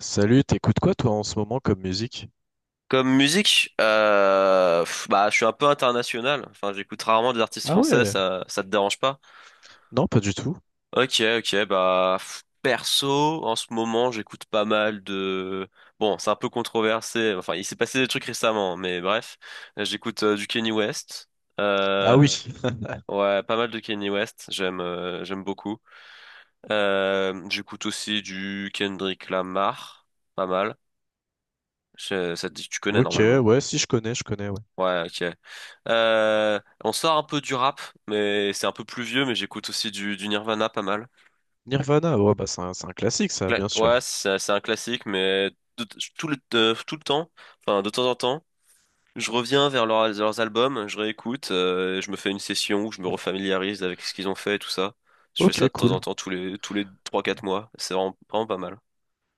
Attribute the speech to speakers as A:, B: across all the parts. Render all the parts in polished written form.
A: Salut, t'écoutes quoi toi en ce moment comme musique?
B: Comme musique, je suis un peu international. Enfin, j'écoute rarement des artistes
A: Ah
B: français,
A: ouais,
B: ça te dérange pas?
A: non pas du tout.
B: Ok, ok, perso, en ce moment, j'écoute pas mal de. Bon, c'est un peu controversé. Enfin, il s'est passé des trucs récemment, mais bref. J'écoute du Kanye West.
A: Ah oui,
B: Euh, ouais, pas mal de Kanye West. J'aime, j'aime beaucoup. J'écoute aussi du Kendrick Lamar. Pas mal. Ça te dit que tu connais
A: ok,
B: normalement.
A: ouais, si je connais, je connais, ouais.
B: Ouais, ok. On sort un peu du rap, mais c'est un peu plus vieux, mais j'écoute aussi du Nirvana pas mal.
A: Nirvana, ouais, bah c'est un classique ça, bien
B: Ouais,
A: sûr.
B: c'est un classique, mais de- tout le temps, enfin de temps en temps, je reviens vers leurs albums, je réécoute, je me fais une session où je me refamiliarise avec ce qu'ils ont fait et tout ça. Je fais ça
A: Ok,
B: de temps en
A: cool.
B: temps, tous les 3-4 mois. C'est vraiment pas mal.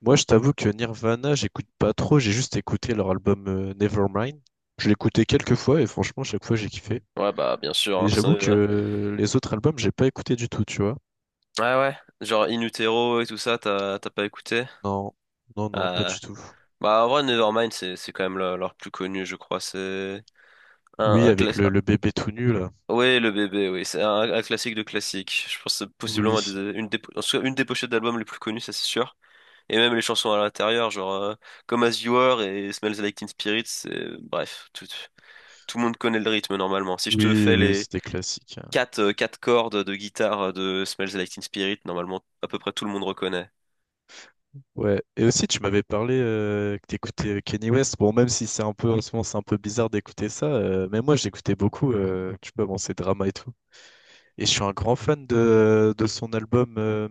A: Moi je t'avoue que Nirvana, j'écoute pas trop, j'ai juste écouté leur album Nevermind. Je l'ai écouté quelques fois et franchement, chaque fois j'ai kiffé.
B: Ouais, bah bien sûr.
A: Mais
B: Hein,
A: j'avoue que
B: ouais,
A: les autres albums, j'ai pas écouté du tout, tu vois.
B: ouais. Ouais. Genre In Utero et tout ça, t'as pas écouté?
A: Non, non, non, pas
B: Euh,
A: du tout.
B: Bah en vrai, Nevermind, c'est quand même leur plus connu, je crois. C'est Un,
A: Oui,
B: un
A: avec
B: classique.
A: le bébé tout nu là.
B: Oui, le bébé, oui. C'est un classique de classique. Je pense que c'est
A: Oui,
B: possiblement une des, en tout cas, une des pochettes d'albums les plus connues, ça c'est sûr. Et même les chansons à l'intérieur, Comme As You Are et Smells Like Teen Spirit, Bref, tout, tout le monde connaît le rythme normalement. Si je te
A: oui,
B: fais
A: oui,
B: les
A: c'était classique.
B: quatre cordes de guitare de Smells Like Teen Spirit, normalement à peu près tout le monde reconnaît.
A: Ouais, et aussi tu m'avais parlé que t'écoutais Kenny West. Bon, même si c'est un peu en ce moment, c'est un peu bizarre d'écouter ça, mais moi j'écoutais beaucoup, tu peux bon, ces dramas et tout. Et je suis un grand fan de son album.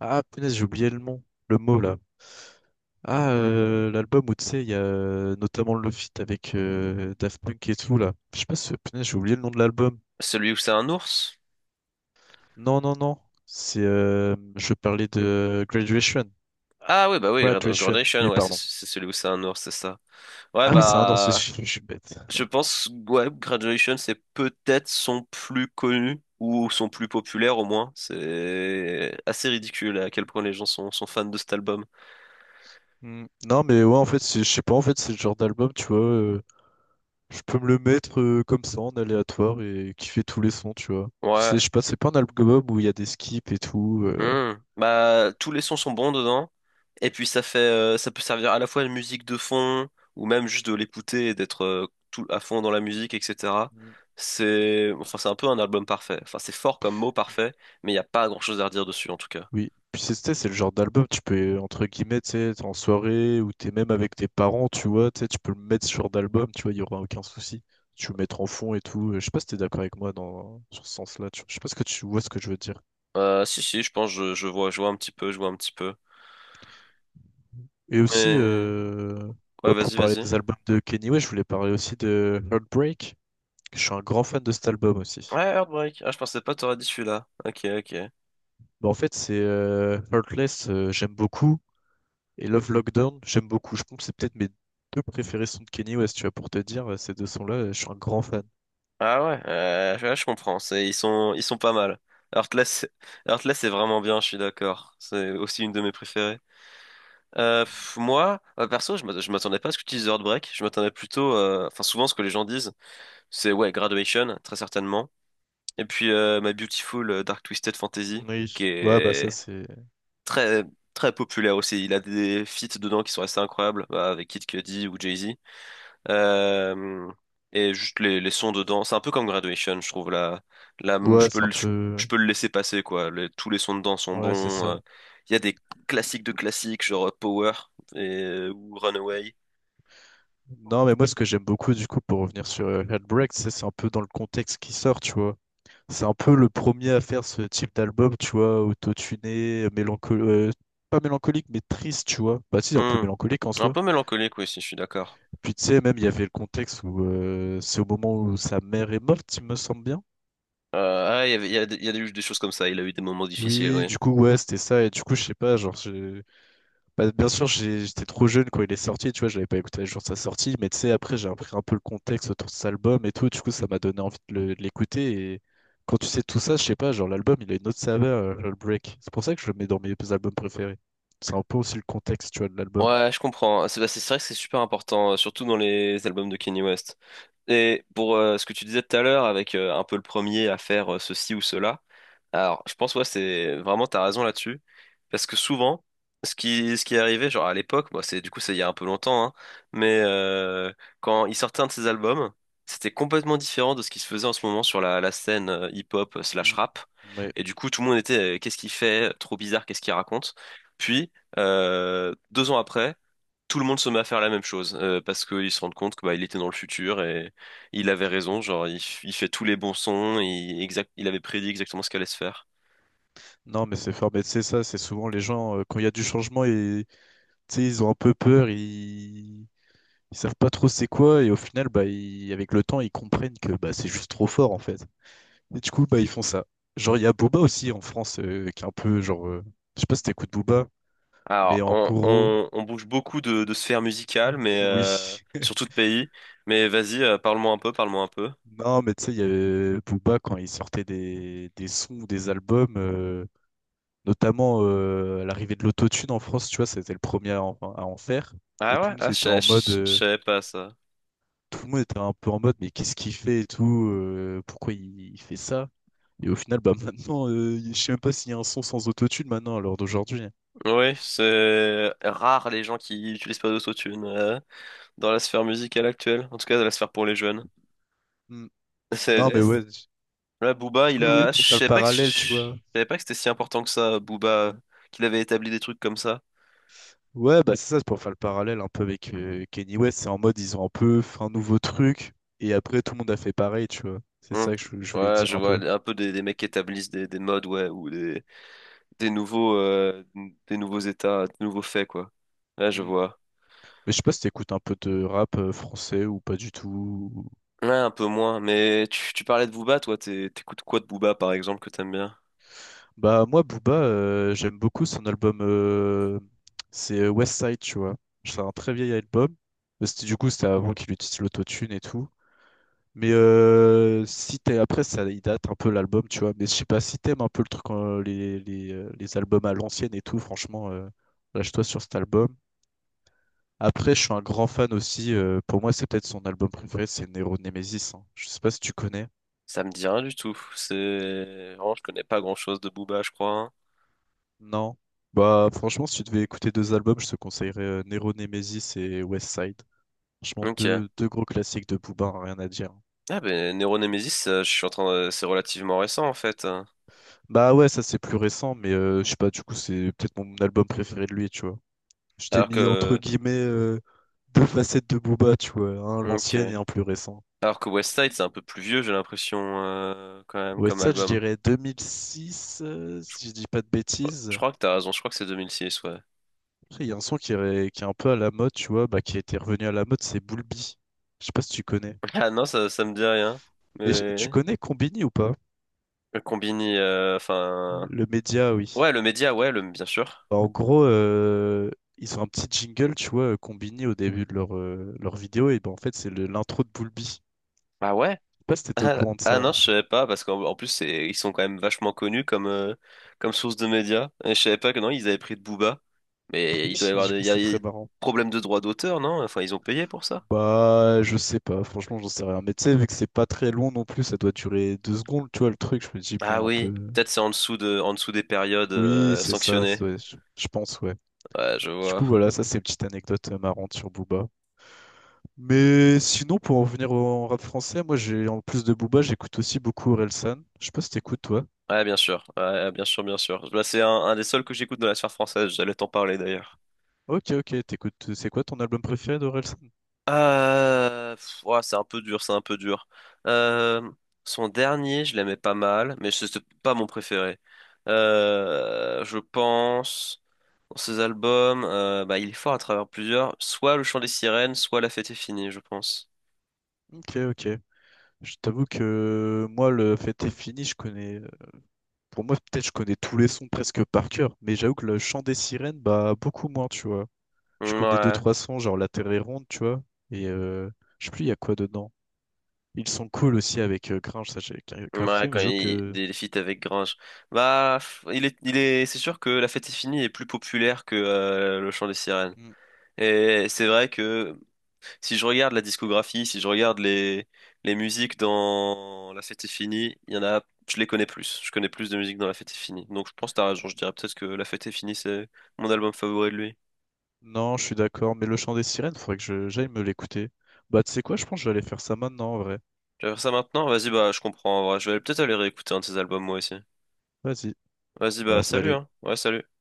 A: Ah, punaise, j'ai oublié le nom, le mot là. Ah, l'album où tu sais, il y a notamment le feat avec Daft Punk et tout là. Je sais pas si, punaise, j'ai oublié le nom de l'album.
B: Celui où c'est un ours?
A: Non, non, non, c'est. Je parlais de Graduation.
B: Ah oui, bah oui, Red Red
A: Graduation,
B: Nation,
A: oui,
B: ouais, c'est
A: pardon.
B: c'est celui où c'est un ours, c'est ça. Ouais,
A: Ah oui, c'est un danseur,
B: bah...
A: je suis bête.
B: Je pense, ouais, Graduation, c'est peut-être son plus connu ou son plus populaire au moins. C'est assez ridicule à quel point les gens sont fans de cet album.
A: Hmm. Non, mais ouais, en fait, je sais pas, en fait, c'est le genre d'album, tu vois. Je peux me le mettre comme ça, en aléatoire, et kiffer tous les sons, tu vois. C'est,
B: Ouais.
A: je sais pas, c'est pas un album où il y a des skips et tout.
B: Hmm. Bah, tous les sons sont bons dedans. Et puis ça fait, ça peut servir à la fois de musique de fond ou même juste de l'écouter et d'être tout à fond dans la musique, etc. C'est un peu un album parfait. Enfin, c'est fort comme mot
A: Mm.
B: parfait, mais il n'y a pas grand-chose à redire dessus en tout cas.
A: Oui, puis c'est tu sais, c'est le genre d'album, tu peux, entre guillemets, tu sais, t'es en soirée ou t'es même avec tes parents, tu vois, tu sais, tu peux le mettre sur d'album, tu vois, il n'y aura aucun souci. Tu peux le mettre en fond et tout. Je sais pas si t'es d'accord avec moi dans, sur ce sens-là, tu vois. Je sais pas ce que tu vois ce que je veux dire.
B: Si, si, je pense, je vois, je vois un petit peu.
A: Et aussi,
B: Mais ouais,
A: bah, pour parler
B: vas-y.
A: des albums de Kenny West, je voulais parler aussi de Heartbreak. Je suis un grand fan de cet album aussi.
B: Ouais, Heartbreak. Ah, je pensais pas t'aurais dit celui-là. Ok, ok.
A: Bah, en fait, c'est Heartless, j'aime beaucoup. Et Love Lockdown, j'aime beaucoup. Je pense que c'est peut-être mes deux préférés sont de Kenny West, tu vois, pour te dire, ces deux sons-là, je suis un grand fan.
B: Ah ouais, ouais, je comprends. C'est, ils sont pas mal. Heartless, Heartless est vraiment bien, je suis d'accord. C'est aussi une de mes préférées. Perso, je m'attendais pas à ce que tu dises Heartbreak. Je m'attendais plutôt, enfin, souvent, ce que les gens disent, c'est ouais, Graduation, très certainement. Et puis, My Beautiful Dark Twisted Fantasy, qui
A: Oui. Ouais, bah ça
B: est
A: c'est.
B: très, très populaire aussi. Il a des feats dedans qui sont assez incroyables, bah, avec Kid Cudi ou Jay-Z. Euh, et juste les sons dedans, c'est un peu comme Graduation, je trouve. Là, je
A: Ouais,
B: peux
A: c'est un peu.
B: je peux le laisser passer, quoi. Tous les sons dedans sont
A: Ouais, c'est
B: bons.
A: ça.
B: Il y a des classiques de classiques, genre Power et, ou Runaway.
A: Non, mais moi ce que j'aime beaucoup du coup pour revenir sur Heartbreak, c'est un peu dans le contexte qui sort, tu vois. C'est un peu le premier à faire ce type d'album, tu vois, autotuné, mélancolique, pas mélancolique, mais triste, tu vois. Bah si, un peu
B: Hmm.
A: mélancolique en
B: Un
A: soi.
B: peu mélancolique, oui, si je suis d'accord.
A: Puis tu sais, même, il y avait le contexte où c'est au moment où sa mère est morte, il me semble bien.
B: Il y a, il y a eu des choses comme ça. Il a eu des moments difficiles,
A: Oui,
B: oui.
A: du coup, ouais, c'était ça. Et du coup, je sais pas, genre. Bah, bien sûr, j'étais trop jeune quand il est sorti, tu vois, j'avais pas écouté le jour de sa sortie, mais tu sais, après, j'ai appris un peu le contexte autour de cet album et tout, du coup, ça m'a donné envie de l'écouter. Et quand tu sais tout ça, je sais pas, genre, l'album, il a une autre saveur, le break. C'est pour ça que je le mets dans mes albums préférés. C'est un peu aussi le contexte, tu vois, de l'album.
B: Ouais, je comprends. C'est vrai que c'est super important, surtout dans les albums de Kanye West. Et pour ce que tu disais tout à l'heure, avec un peu le premier à faire ceci ou cela, alors je pense ouais, c'est vraiment t'as raison là-dessus, parce que souvent, ce qui est arrivé, genre à l'époque, bah, c'est du coup c'est il y a un peu longtemps, mais euh, quand il sortait un de ses albums, c'était complètement différent de ce qui se faisait en ce moment sur la scène hip-hop slash
A: Mm.
B: rap.
A: Ouais.
B: Et du coup, tout le monde était qu'est-ce qu'il fait? Trop bizarre, qu'est-ce qu'il raconte? Deux ans après, tout le monde se met à faire la même chose parce qu'ils se rendent compte que bah, il était dans le futur et il avait raison. Il fait tous les bons sons, exact, il avait prédit exactement ce qu'allait se faire.
A: Non, mais c'est fort, mais tu sais, ça, c'est souvent les gens, quand il y a du changement, et, tu sais, ils ont un peu peur, ils... ils savent pas trop c'est quoi, et au final, bah, avec le temps, ils comprennent que bah, c'est juste trop fort, en fait. Et du coup, bah, ils font ça. Genre, il y a Booba aussi en France qui est un peu genre. Je sais pas si t'écoutes Booba, mais
B: Alors,
A: en gros,
B: on bouge beaucoup de sphères musicales, mais
A: oui.
B: surtout de pays. Mais vas-y, parle-moi un peu.
A: Non, mais tu sais, il y avait Booba quand il sortait des sons, des albums, notamment à l'arrivée de l'autotune en France, tu vois, c'était le premier à en faire. Et
B: Ah
A: tout
B: ouais,
A: le
B: ah,
A: monde était en mode.
B: je
A: euh,
B: savais pas ça.
A: tout le monde était un peu en mode, mais qu'est-ce qu'il fait et tout pourquoi il fait ça? Et au final, bah maintenant, je sais même pas s'il y a un son sans autotune maintenant, à l'heure d'aujourd'hui. Hein.
B: Oui, c'est rare les gens qui utilisent pas d'autotune dans la sphère musicale actuelle, en tout cas dans la sphère pour les jeunes.
A: Hmm. Non, mais ouais.
B: Là, Booba,
A: Je
B: il
A: connais
B: a.
A: pour faire le
B: Je
A: parallèle, tu vois.
B: savais pas que c'était si important que ça, Booba, qu'il avait établi des trucs comme ça.
A: Ouais, bah c'est ça, c'est pour faire le parallèle un peu avec Kanye West. C'est en mode, ils ont un peu fait un nouveau truc, et après, tout le monde a fait pareil, tu vois. C'est
B: Hum.
A: ça que je voulais
B: Ouais,
A: dire
B: je
A: un
B: vois
A: peu.
B: un peu des mecs qui établissent des modes, ouais, ou des nouveaux euh, des nouveaux états, des nouveaux faits, quoi. Là, je
A: Mm.
B: vois.
A: Mais je sais pas si t'écoutes un peu de rap français ou pas du tout. ou-
B: Ouais, un peu moins. Mais tu parlais de Booba, toi, t'écoutes quoi de Booba, par exemple, que t'aimes bien?
A: Bah, moi, Booba, j'aime beaucoup son album. C'est West Side, tu vois. C'est un très vieil album. C'était, du coup, c'était avant qu'il utilise l'autotune et tout. Mais si t'es après ça il date un peu l'album tu vois mais je sais pas si t'aimes un peu le truc les albums à l'ancienne et tout franchement lâche-toi sur cet album. Après je suis un grand fan aussi pour moi c'est peut-être son album préféré c'est Nero Nemesis hein. Je sais pas si tu connais.
B: Ça me dit rien du tout. C'est vraiment, je connais pas grand-chose de Booba, je crois. Hein.
A: Non. Bah franchement si tu devais écouter deux albums je te conseillerais Nero Nemesis et West Side. Franchement
B: Ok.
A: deux gros classiques de Booba hein, rien à dire. Hein.
B: Ah ben, Neuro Nemesis, je suis en train de... c'est relativement récent en fait. Hein.
A: Bah ouais ça c'est plus récent mais je sais pas du coup c'est peut-être mon album préféré de lui tu vois. Je t'ai
B: Alors
A: mis entre
B: que,
A: guillemets deux facettes de Booba, tu vois, un l'ancienne et
B: ok.
A: un plus récent.
B: Alors que West Side, c'est un peu plus vieux, j'ai l'impression, quand même,
A: Ouais,
B: comme
A: ça, je
B: album.
A: dirais 2006, si je dis pas de
B: Je
A: bêtises.
B: crois que t'as raison, je crois que c'est 2006 ouais.
A: Après, il y a un son qui est un peu à la mode, tu vois, bah, qui était revenu à la mode, c'est Bulbi. Je sais pas si tu connais.
B: Ah non, ça me dit rien.
A: Mais tu
B: Mais...
A: connais Combini ou pas?
B: Le Combini, enfin...
A: Le média, oui.
B: Ouais, le Média, ouais, le... bien sûr.
A: Bah, en gros, ils ont un petit jingle, tu vois, Combini au début de leur vidéo, et bah, en fait, c'est l'intro de Bulbi. Je
B: Ah ouais?
A: sais pas si t'étais au
B: Ah,
A: courant de
B: ah
A: ça.
B: non, je savais pas, parce qu'en plus, ils sont quand même vachement connus comme, comme source de médias. Et je savais pas que non, ils avaient pris de Booba. Mais il doit
A: Oui,
B: y avoir
A: du
B: des...
A: coup,
B: il y a
A: c'était très
B: des
A: marrant.
B: problèmes de droit d'auteur, non? Enfin, ils ont payé pour ça.
A: Bah, je sais pas, franchement, j'en sais rien. Mais tu sais, vu que c'est pas très long non plus, ça doit durer deux secondes, tu vois, le truc. Je me dis,
B: Ah
A: bon, un
B: oui,
A: peu.
B: peut-être c'est en dessous de... en dessous des périodes,
A: Oui, c'est ça, ça
B: sanctionnées.
A: doit- je je pense, ouais.
B: Ouais, je
A: Du coup,
B: vois.
A: voilà, ça, c'est une petite anecdote marrante sur Booba. Mais sinon, pour en venir au rap français, moi, j'ai en plus de Booba, j'écoute aussi beaucoup Orelsan. Je sais pas si t'écoutes, toi.
B: Ouais, bien sûr. Ouais, bien sûr, bien sûr. Bah, c'est un des seuls que j'écoute dans la sphère française. J'allais t'en parler d'ailleurs.
A: Ok, ok, t'écoutes. C'est quoi ton album préféré d'Orelsan?
B: Pff, ouah, c'est un peu dur, c'est un peu dur. Euh, Son dernier, je l'aimais pas mal, mais c'était pas mon préféré. Je pense, dans ses albums, bah, il est fort à travers plusieurs. Soit Le Chant des Sirènes, soit La Fête est finie, je pense.
A: Ok, ok. Je t'avoue que moi, le fête est fini, je connais. Pour moi, peut-être je connais tous les sons presque par cœur, mais j'avoue que le chant des sirènes, bah beaucoup moins, tu vois. Je connais deux,
B: Ouais.
A: trois sons, genre La Terre est ronde, tu vois. Et je sais plus, il y a quoi dedans. Ils sont cool aussi avec Gringe, ça j'ai grave
B: Ouais,
A: kiffé, mais
B: quand
A: j'avoue
B: il
A: que.
B: des feats avec Grange. Bah, pff, il est, c'est sûr que La Fête est finie est plus populaire que Le Chant des Sirènes.
A: Hmm.
B: Et c'est vrai que si je regarde la discographie, si je regarde les musiques dans La Fête est finie, il y en a, je les connais plus. Je connais plus de musique dans La Fête est finie. Donc je pense que t'as raison, je dirais peut-être que La Fête est finie, c'est mon album favori de lui.
A: Non, je suis d'accord, mais le chant des sirènes, faudrait que j'aille me l'écouter. Bah, tu sais quoi, je pense que je vais aller faire ça maintenant en vrai.
B: Tu vas faire ça maintenant? Vas-y, bah je comprends en vrai. Je vais peut-être aller réécouter un de ses albums moi aussi.
A: Vas-y,
B: Vas-y, bah
A: bah,
B: salut,
A: salut.
B: hein. Ouais, salut.